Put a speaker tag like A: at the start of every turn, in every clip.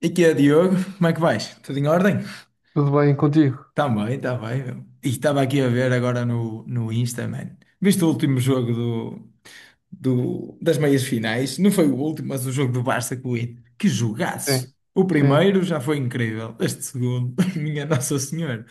A: E que é, Diogo? Como é que vais? Tudo em ordem?
B: Tudo bem contigo?
A: Tá bem, tá bem. Meu. E estava aqui a ver agora no Insta, man. Viste o último jogo das meias finais? Não foi o último, mas o jogo do Barça com o Inter. Que jogaço!
B: Sim,
A: O
B: sim.
A: primeiro já foi incrível. Este segundo, minha Nossa Senhora.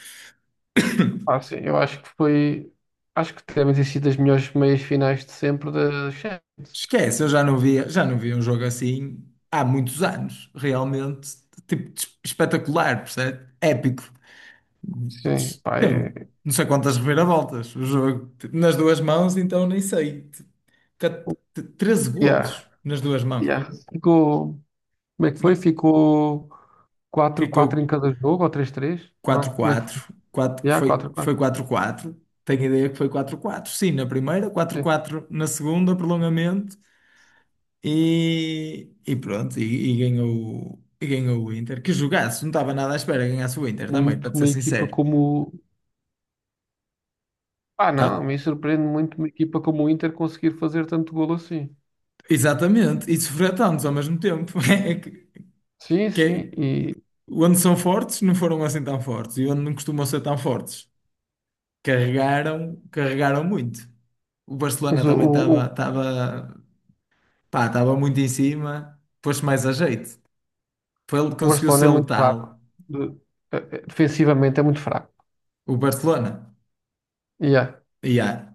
B: Ah, sim, eu acho que foi. Acho que deve ter sido das melhores meias finais de sempre da Champions.
A: Esquece, eu já não via um jogo assim há muitos anos. Realmente, tipo, espetacular, percebe? Épico.
B: Sim, pá.
A: Teve
B: É.
A: não sei quantas reviravoltas o jogo. Nas duas mãos, então nem sei. Cat- 13
B: Yeah,
A: golos nas duas mãos.
B: yeah. Ficou. Como é que foi?
A: Ma-
B: Ficou quatro
A: Ficou
B: quatro em cada jogo ou 3-3?
A: quatro
B: Não? Como é que
A: 4
B: foi? Yeah, quatro a
A: Foi
B: quatro
A: 4 quatro Tenho ideia que foi 4 quatro Sim, na primeira, 4
B: Sim.
A: quatro na segunda, prolongamento. E pronto, e ganhou o Inter. Que jogasse, não estava nada à espera que ganhasse o Inter também,
B: Muito
A: para te ser
B: uma equipa
A: sincero.
B: como. Ah,
A: Tá,
B: não, me surpreende muito uma equipa como o Inter conseguir fazer tanto golo assim.
A: exatamente, e sofrer tantos ao mesmo tempo. É que-
B: Sim,
A: que
B: sim.
A: é-
B: E.
A: Onde são fortes, não foram assim tão fortes. E onde não costumam ser tão fortes, carregaram, carregaram muito. O
B: Mas
A: Barcelona
B: o,
A: também
B: o,
A: pá, estava muito em cima, pôs-se mais a jeito. Foi ele que
B: O
A: conseguiu
B: Barcelona
A: ser
B: é muito fraco.
A: letal,
B: De- defensivamente é muito fraco.
A: o Barcelona.
B: Yeah.
A: E há-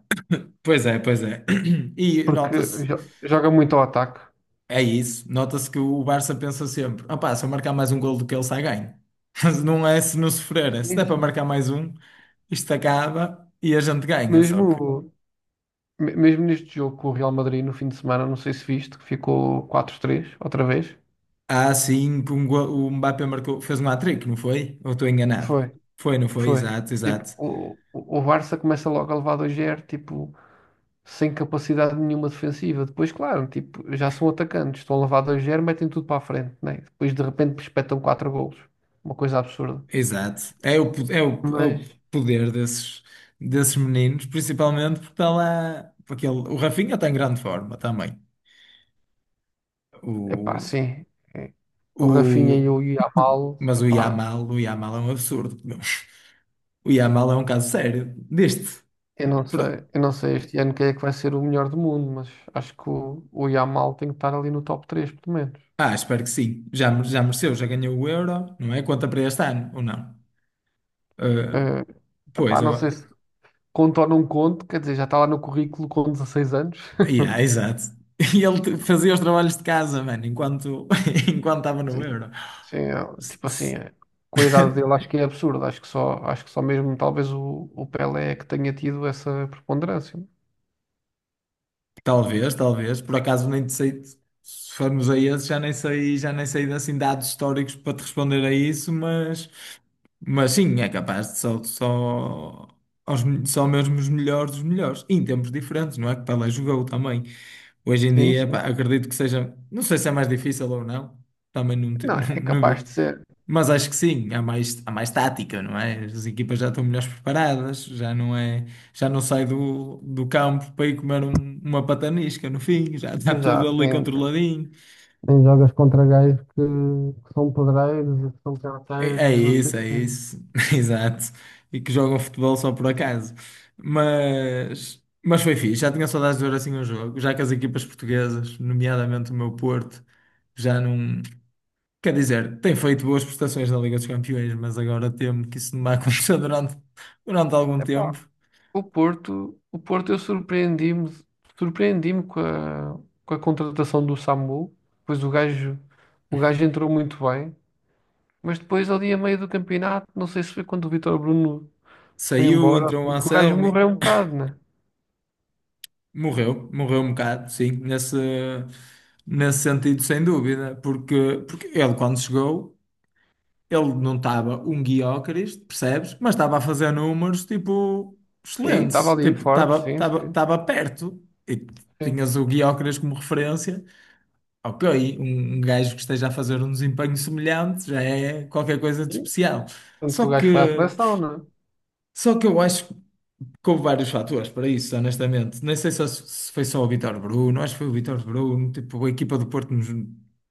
A: Pois é, pois é. E
B: Porque
A: nota-se,
B: joga muito ao ataque.
A: é isso, nota-se que o Barça pensa sempre: opá, se eu marcar mais um gol do que ele, sai ganho. Mas não é se não sofrer, é se der para
B: Isso.
A: marcar mais um, isto acaba e a gente ganha. Só que.
B: Mesmo, mesmo neste jogo com o Real Madrid no fim de semana, não sei se viste, que ficou 4-3 outra vez.
A: Ah, sim, o Mbappé marcou, fez um hat-trick, não foi? Ou estou enganado?
B: Foi,
A: Foi, não foi?
B: foi.
A: Exato,
B: Tipo,
A: exato,
B: o Barça começa logo a levar 2-0, tipo, sem capacidade nenhuma defensiva. Depois, claro, tipo, já são atacantes, estão a levar 2-0, metem tudo para a frente, né? Depois de repente espetam 4 golos. Uma coisa absurda.
A: exato. É o, po- é o, é o
B: Mas,
A: poder desses meninos, principalmente porque está lá, porque ele, o Rafinha está em grande forma também.
B: Epá,
A: O,
B: sim. É. O Rafinha e
A: o,
B: o Yamal,
A: mas o
B: epá,
A: Yamal, o Yamal é um absurdo. Meu. O Yamal é um caso sério deste.
B: eu não
A: Pro-
B: sei, eu não sei este ano quem é que vai ser o melhor do mundo, mas acho que o Yamal tem que estar ali no top 3, pelo menos.
A: Ah, espero que sim. Já mereceu, já ganhou o Euro, não é? Conta para este ano, ou não? Ah,
B: Eh,
A: pois,
B: epá,
A: eu.
B: não sei se conto ou não conto, quer dizer, já está lá no currículo com 16 anos.
A: Yeah, exato. E ele fazia os trabalhos de casa, mano, enquanto enquanto estava no
B: Sim,
A: Euro.
B: sim, é,
A: S-
B: tipo assim,
A: s-
B: é, com a idade dele acho que é absurdo, acho que só mesmo talvez o Pelé é que tenha tido essa preponderância.
A: Talvez, talvez. Por acaso nem te sei. Se formos a esse, já nem sei assim dados históricos para te responder a isso, mas sim, é capaz de só, só, aos, me- só mesmo os melhores dos melhores. E em tempos diferentes, não é? Que Pelé jogou também. Hoje em
B: Sim,
A: dia, pá,
B: sim.
A: acredito que seja. Não sei se é mais difícil ou não. Também não,
B: Não,
A: não,
B: é
A: não
B: capaz
A: vi.
B: de ser.
A: Mas acho que sim, há mais tática, não é? As equipas já estão melhores preparadas, já não é, já não sai do campo para ir comer uma patanisca no fim, já está tudo
B: Exato.
A: ali
B: É.
A: controladinho.
B: Em jogas contra gajos que são pedreiros e que são carteiros
A: É
B: e não sei o
A: isso, é
B: quê.
A: isso, exato. E que jogam futebol só por acaso. Mas foi fixe, já tinha saudades de ver assim um jogo, já que as equipas portuguesas, nomeadamente o meu Porto, já não. Quer dizer, tem feito boas prestações na Liga dos Campeões, mas agora temo que isso não vai acontecer durante algum
B: Epá,
A: tempo.
B: o Porto eu surpreendi-me com a contratação do Samu, pois o gajo entrou muito bem, mas depois ali a meio do campeonato, não sei se foi quando o Vítor Bruno foi
A: Saiu,
B: embora,
A: entrou o
B: assim, que o gajo
A: Anselmo, e
B: morreu um bocado, né?
A: morreu um bocado, sim, nesse sentido, sem dúvida, porque ele, quando chegou, ele não estava um guiócaris, percebes? Mas estava a fazer números, tipo,
B: Sim, estava
A: excelentes,
B: ali
A: tipo,
B: forte,
A: estava,
B: sim,
A: estava,
B: sim,
A: estava perto, e
B: sim.
A: tinhas o guiócaris como referência ao que aí um gajo que esteja a fazer um desempenho semelhante já é qualquer coisa de
B: E,
A: especial.
B: tanto que
A: Só
B: o gajo foi à
A: que,
B: seleção, não é?
A: só que eu acho que houve vários fatores para isso, honestamente. Nem sei só se foi só o Vítor Bruno, acho que foi o Vítor Bruno, tipo, a equipa do Porto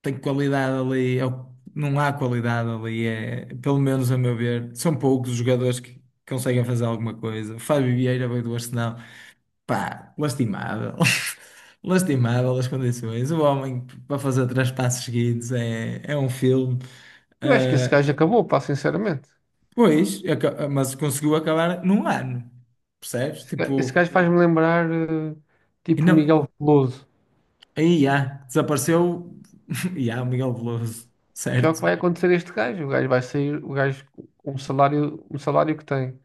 A: tem qualidade ali, não há qualidade ali, é, pelo menos a meu ver, são poucos os jogadores que conseguem fazer alguma coisa. O Fábio Vieira veio do Arsenal. Pá, lastimável. Lastimável as condições. O homem para fazer três passos seguidos é um filme.
B: Eu acho que esse
A: Ah,
B: gajo acabou, pá, sinceramente.
A: pois, mas conseguiu acabar num ano. Percebes?
B: Esse ga- esse
A: Tipo,
B: gajo faz-me lembrar,
A: e
B: tipo, o
A: não.
B: Miguel Veloso,
A: Aí há, desapareceu. E há o Miguel Veloso,
B: que é o que
A: certo?
B: vai acontecer a este gajo. O gajo vai sair, o gajo com o salário que tem,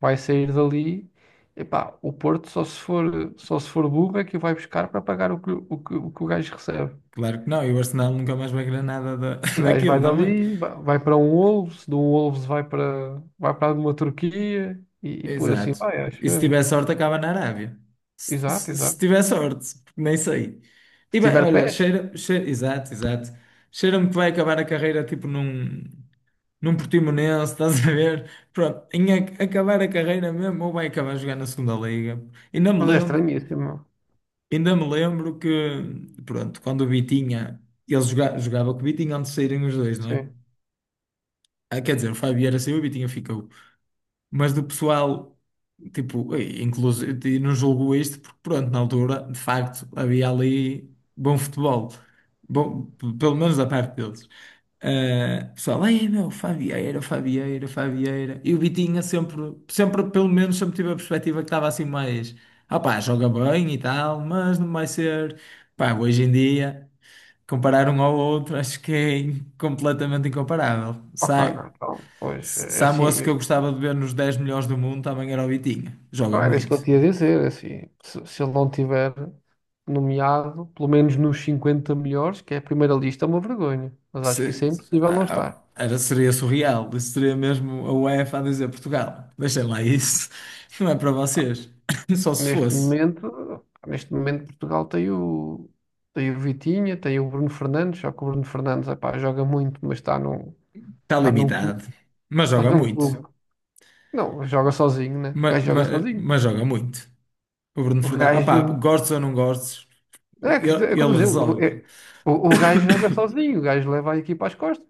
B: vai sair dali. Epá, o Porto só se for burro é que o vai buscar para pagar o que o gajo recebe.
A: Claro que não, e o Arsenal nunca mais vai ganhar nada da,
B: O gajo
A: daquilo
B: vai
A: também.
B: dali, vai para um Wolves, de um Wolves vai para uma Turquia e por assim
A: Exato.
B: vai, acho
A: E se tiver
B: eu.
A: sorte, acaba na Arábia. Se,
B: Exato,
A: se- se
B: exato.
A: tiver sorte, porque nem sei.
B: Se
A: E bem,
B: tiver
A: olha,
B: pés,
A: cheira, exato, exato. Cheira-me que vai acabar a carreira tipo num Portimonense, estás a ver? Pronto, em acabar a carreira mesmo, ou vai acabar a jogar na segunda liga. Ainda me
B: mas é
A: lembro,
B: estranhíssimo.
A: ainda me lembro que, pronto, quando o Vitinha, ele jogava com o Vitinha antes de saírem os dois, não é?
B: Sim.
A: Ah, quer dizer, o Fábio era saiu, e o Vitinha ficou. Mas do pessoal. Tipo, inclusive, não julgo isto porque, pronto, na altura, de facto, havia ali bom futebol. Bom, pelo menos da parte deles. Ah, pessoal, ai meu, Fabieira, Fabieira, Fabieira. E o Vitinha pelo menos, sempre tive a perspectiva que estava assim mais, ah pá, joga bem e tal, mas não vai ser. Pá, hoje em dia, comparar um ao outro, acho que é completamente incomparável.
B: Opa,
A: Sai.
B: não, então, pois,
A: Se,
B: é
A: se há
B: assim,
A: moço que eu gostava de ver nos 10 melhores do mundo, também era o Vitinha. Joga
B: era isso que eu
A: muito.
B: tinha a dizer, é assim, se ele não tiver nomeado, pelo menos nos 50 melhores, que é a primeira lista, é uma vergonha. Mas acho que isso é impossível não estar.
A: Seria surreal. Isso seria mesmo a UEFA a dizer Portugal. Deixem lá isso. Não é para vocês. Só se
B: Neste
A: fosse.
B: momento, neste momento Portugal tem o Vitinha, tem o Bruno Fernandes, só que o Bruno Fernandes, epá, joga muito, mas
A: Está
B: está num clube,
A: limitado. Mas
B: está
A: joga
B: num
A: muito.
B: clube. Não, joga sozinho, né? O gajo joga sozinho.
A: Mas, joga muito. O Bruno
B: O
A: Fernandes. Opá,
B: gajo
A: gostes ou não gostes,
B: É, que- é,
A: ele resolve.
B: O gajo joga sozinho, o gajo leva a equipa às costas.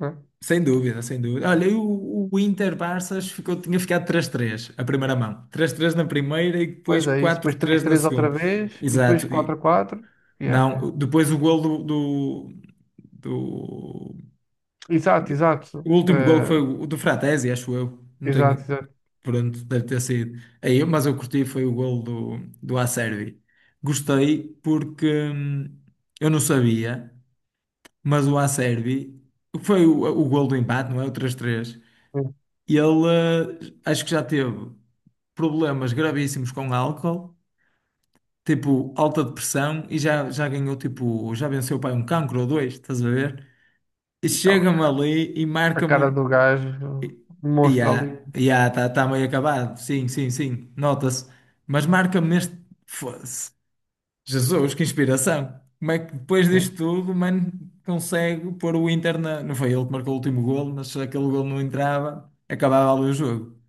B: Né?
A: Sem dúvida, sem dúvida. Olha, e o Inter-Barças ficou, tinha ficado 3-3 a primeira mão. 3-3 na primeira e depois
B: Pois é, isso.
A: quatro
B: Depois três
A: três na
B: três outra
A: segunda.
B: vez e depois
A: Exato. E,
B: 4 quatro. Yeah, yeah.
A: não, depois o gol do, do-
B: Exato,
A: do-
B: exato.
A: O último gol foi
B: Eh,
A: o do Fratesi, acho eu. Não
B: exato,
A: tenho...
B: exato.
A: Pronto, deve ter sido. Aí, mas eu curti, foi o gol do, Acerbi. Gostei porque eu não sabia, mas o Acerbi foi o gol do empate, não é? O 3-3. E ele, acho que já teve problemas gravíssimos com álcool, tipo alta depressão, e já ganhou, tipo, já venceu pai um cancro ou dois, estás a ver? E
B: Então.
A: chega-me ali e
B: A
A: marca-me.
B: cara do gajo
A: E-
B: mostra ali.
A: Ya, ya, está meio acabado. Sim, sim, sim, nota-se. Mas marca-me neste. Foda-se. Jesus, que inspiração! Como é que depois disto
B: Sim.
A: tudo, mano, consegue pôr o Inter na. Não foi ele que marcou o último golo, mas se aquele golo não entrava, acabava ali o jogo.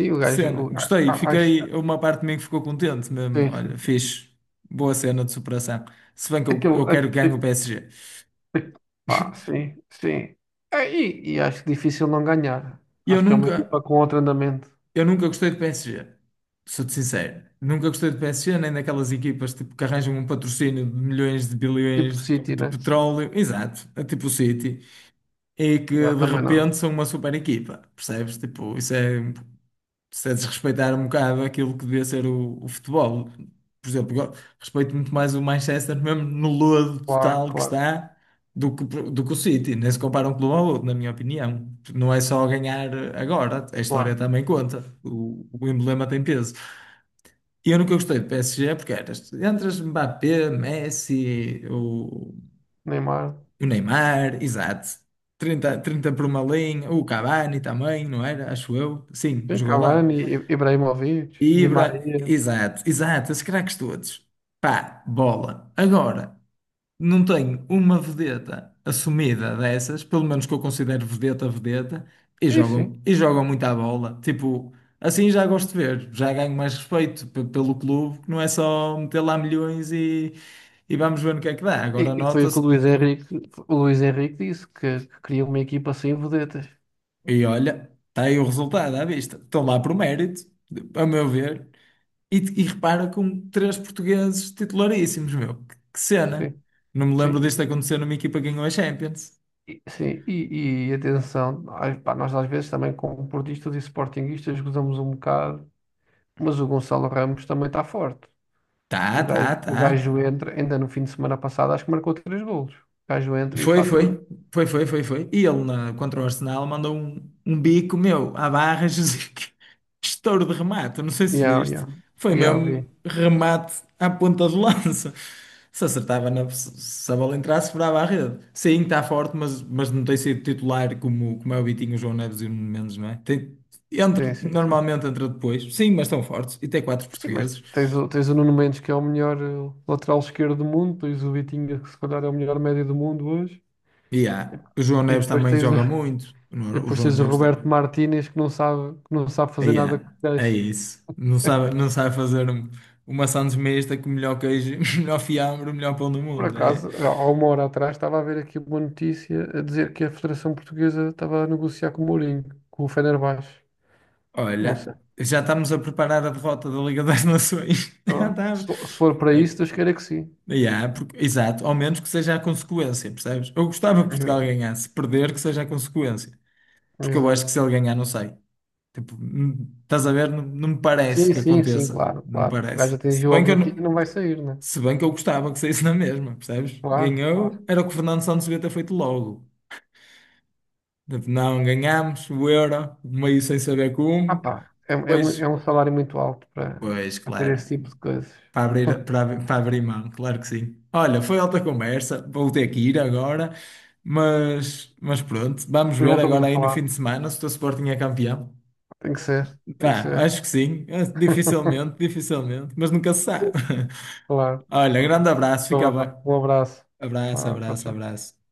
B: E o
A: Que
B: gajo.
A: cena,
B: o- a-
A: gostei,
B: a- a- sim,
A: fiquei, uma parte de mim que ficou contente mesmo.
B: sim,
A: Olha,
B: sim.
A: fixe, boa cena de superação. Se bem que eu,
B: Aquilo.
A: eu quero que ganhe o PSG.
B: A- pá, sim, sim. E acho difícil não ganhar.
A: E eu
B: Acho que é uma
A: nunca,
B: equipa com outro andamento.
A: eu nunca gostei do PSG, sou-te sincero. Nunca gostei do PSG, nem daquelas equipas tipo, que arranjam um patrocínio de milhões de
B: Tipo
A: bilhões de,
B: City,
A: de
B: né?
A: petróleo, exato, é tipo o City, e que
B: Yeah,
A: de
B: também
A: repente
B: não.
A: são uma super equipa, percebes? Tipo, isso é. Se a desrespeitar um bocado aquilo que devia ser o futebol. Por exemplo, eu respeito muito mais o Manchester, mesmo no lodo
B: Claro,
A: total que
B: claro.
A: está, do que o City. Nem se compara um clube ao outro, na minha opinião. Não é só ganhar agora, a história
B: Claro,
A: também conta. O emblema tem peso. E eu nunca gostei do PSG porque eras, entre as Mbappé, Messi, o,
B: Neymar,
A: o Neymar, exato. Trinta 30 por uma linha, o Cavani também, não era? Acho eu. Sim,
B: sim,
A: jogou lá.
B: Cavani, Ibrahimovic, Di
A: Ibra,
B: Maria,
A: exato, exato, esses craques todos. Pá, bola. Agora, não tenho uma vedeta assumida dessas, pelo menos que eu considero vedeta, vedeta, e
B: e
A: jogam,
B: sim.
A: e jogam muito à bola. Tipo, assim já gosto de ver, já ganho mais respeito pelo clube, que não é só meter lá milhões e vamos ver no que é que dá.
B: E,
A: Agora
B: e foi o que
A: nota-se,
B: o Luís Henrique disse, que queria uma equipa sem vedetas.
A: e olha, está aí o resultado à vista. Estão lá por mérito, a meu ver. E repara com três portugueses titularíssimos, meu. Que cena.
B: Sim,
A: Não me
B: sim,
A: lembro disto
B: e,
A: acontecer numa equipa que ganhou a Champions.
B: sim, e atenção, ai, pá, nós às vezes também como portistas e sportinguistas gozamos um bocado, mas o Gonçalo Ramos também está forte. O
A: Tá, tá,
B: gajo, o
A: tá.
B: gajo entra, ainda no fim de semana passado, acho que marcou três golos. O gajo entra e
A: Foi,
B: fatura.
A: foi, foi, foi, foi, foi. E ele contra o Arsenal mandou um, um bico meu à barra, Jesus, que estouro de remate, não sei se
B: Yeah,
A: viste.
B: yeah,
A: Foi
B: yeah,
A: mesmo
B: vi.
A: remate à ponta de lança. Se acertava na, se se a bola entrasse, furava a rede. Sim, está forte, mas não tem sido titular como é o Vitinho, o João Neves e o Nuno Mendes, não é? Tem, entra,
B: Sim, sim, sim.
A: normalmente entra depois. Sim, mas estão fortes. E tem quatro
B: Sim, mas
A: portugueses.
B: tens o Nuno Mendes, que é o melhor lateral esquerdo do mundo, tens o Vitinha, que se calhar é o melhor médio do mundo hoje,
A: E há. O João
B: e
A: Neves
B: depois
A: também
B: tens, o-
A: joga muito.
B: e
A: O
B: depois
A: João
B: tens o
A: Neves.
B: Roberto Martínez, que não sabe fazer nada com os
A: Yeah, é
B: pés.
A: isso. Não sabe, não sabe fazer uma sandes mista com o melhor queijo, o melhor fiambre, o melhor pão do
B: Por
A: mundo. É.
B: acaso, há uma hora atrás, estava a ver aqui uma notícia a dizer que a Federação Portuguesa estava a negociar com o Mourinho, com o Fenerbahçe. Não sei.
A: Olha, já estamos a preparar a derrota da Liga das Nações. Já
B: Só- Se
A: estamos.
B: for se for para
A: É,
B: isso, Deus queira que sim.
A: yeah, exato, ao menos que seja a consequência, percebes? Eu gostava que Portugal ganhasse, perder que seja a consequência. Porque eu acho que
B: Exato.
A: se ele ganhar, não sei. Tipo, estás a ver? Não, não me parece
B: Sim,
A: que
B: sim, sim,
A: aconteça.
B: claro,
A: Não me
B: claro. O gajo
A: parece. Se
B: atingiu o
A: bem que eu
B: objetivo
A: não.
B: e não vai sair, né?
A: Se bem que eu gostava que saísse na mesma, percebes?
B: Claro, claro.
A: Ganhou, era o que o Fernando Santos devia ter feito logo. Tipo, não, ganhámos o Euro, meio sem saber
B: Ah
A: como.
B: pá, é, é, mu-
A: Pois,
B: é um salário muito alto para,
A: pois,
B: para ter
A: claro.
B: esse tipo de coisas.
A: Para abrir mão, claro que sim. Olha, foi alta conversa, vou ter que ir agora, mas pronto, vamos
B: Depois
A: ver
B: voltamos
A: agora
B: a
A: aí no fim
B: falar.
A: de semana se o teu Sporting é campeão.
B: Tem que ser, tem que
A: Pá,
B: ser.
A: acho que sim, dificilmente, dificilmente, mas nunca se sabe.
B: Claro.
A: Olha, grande abraço, fica
B: Então
A: bem.
B: vá. Um abraço.
A: Abraço,
B: Ah, tchau,
A: abraço,
B: tchau.
A: abraço.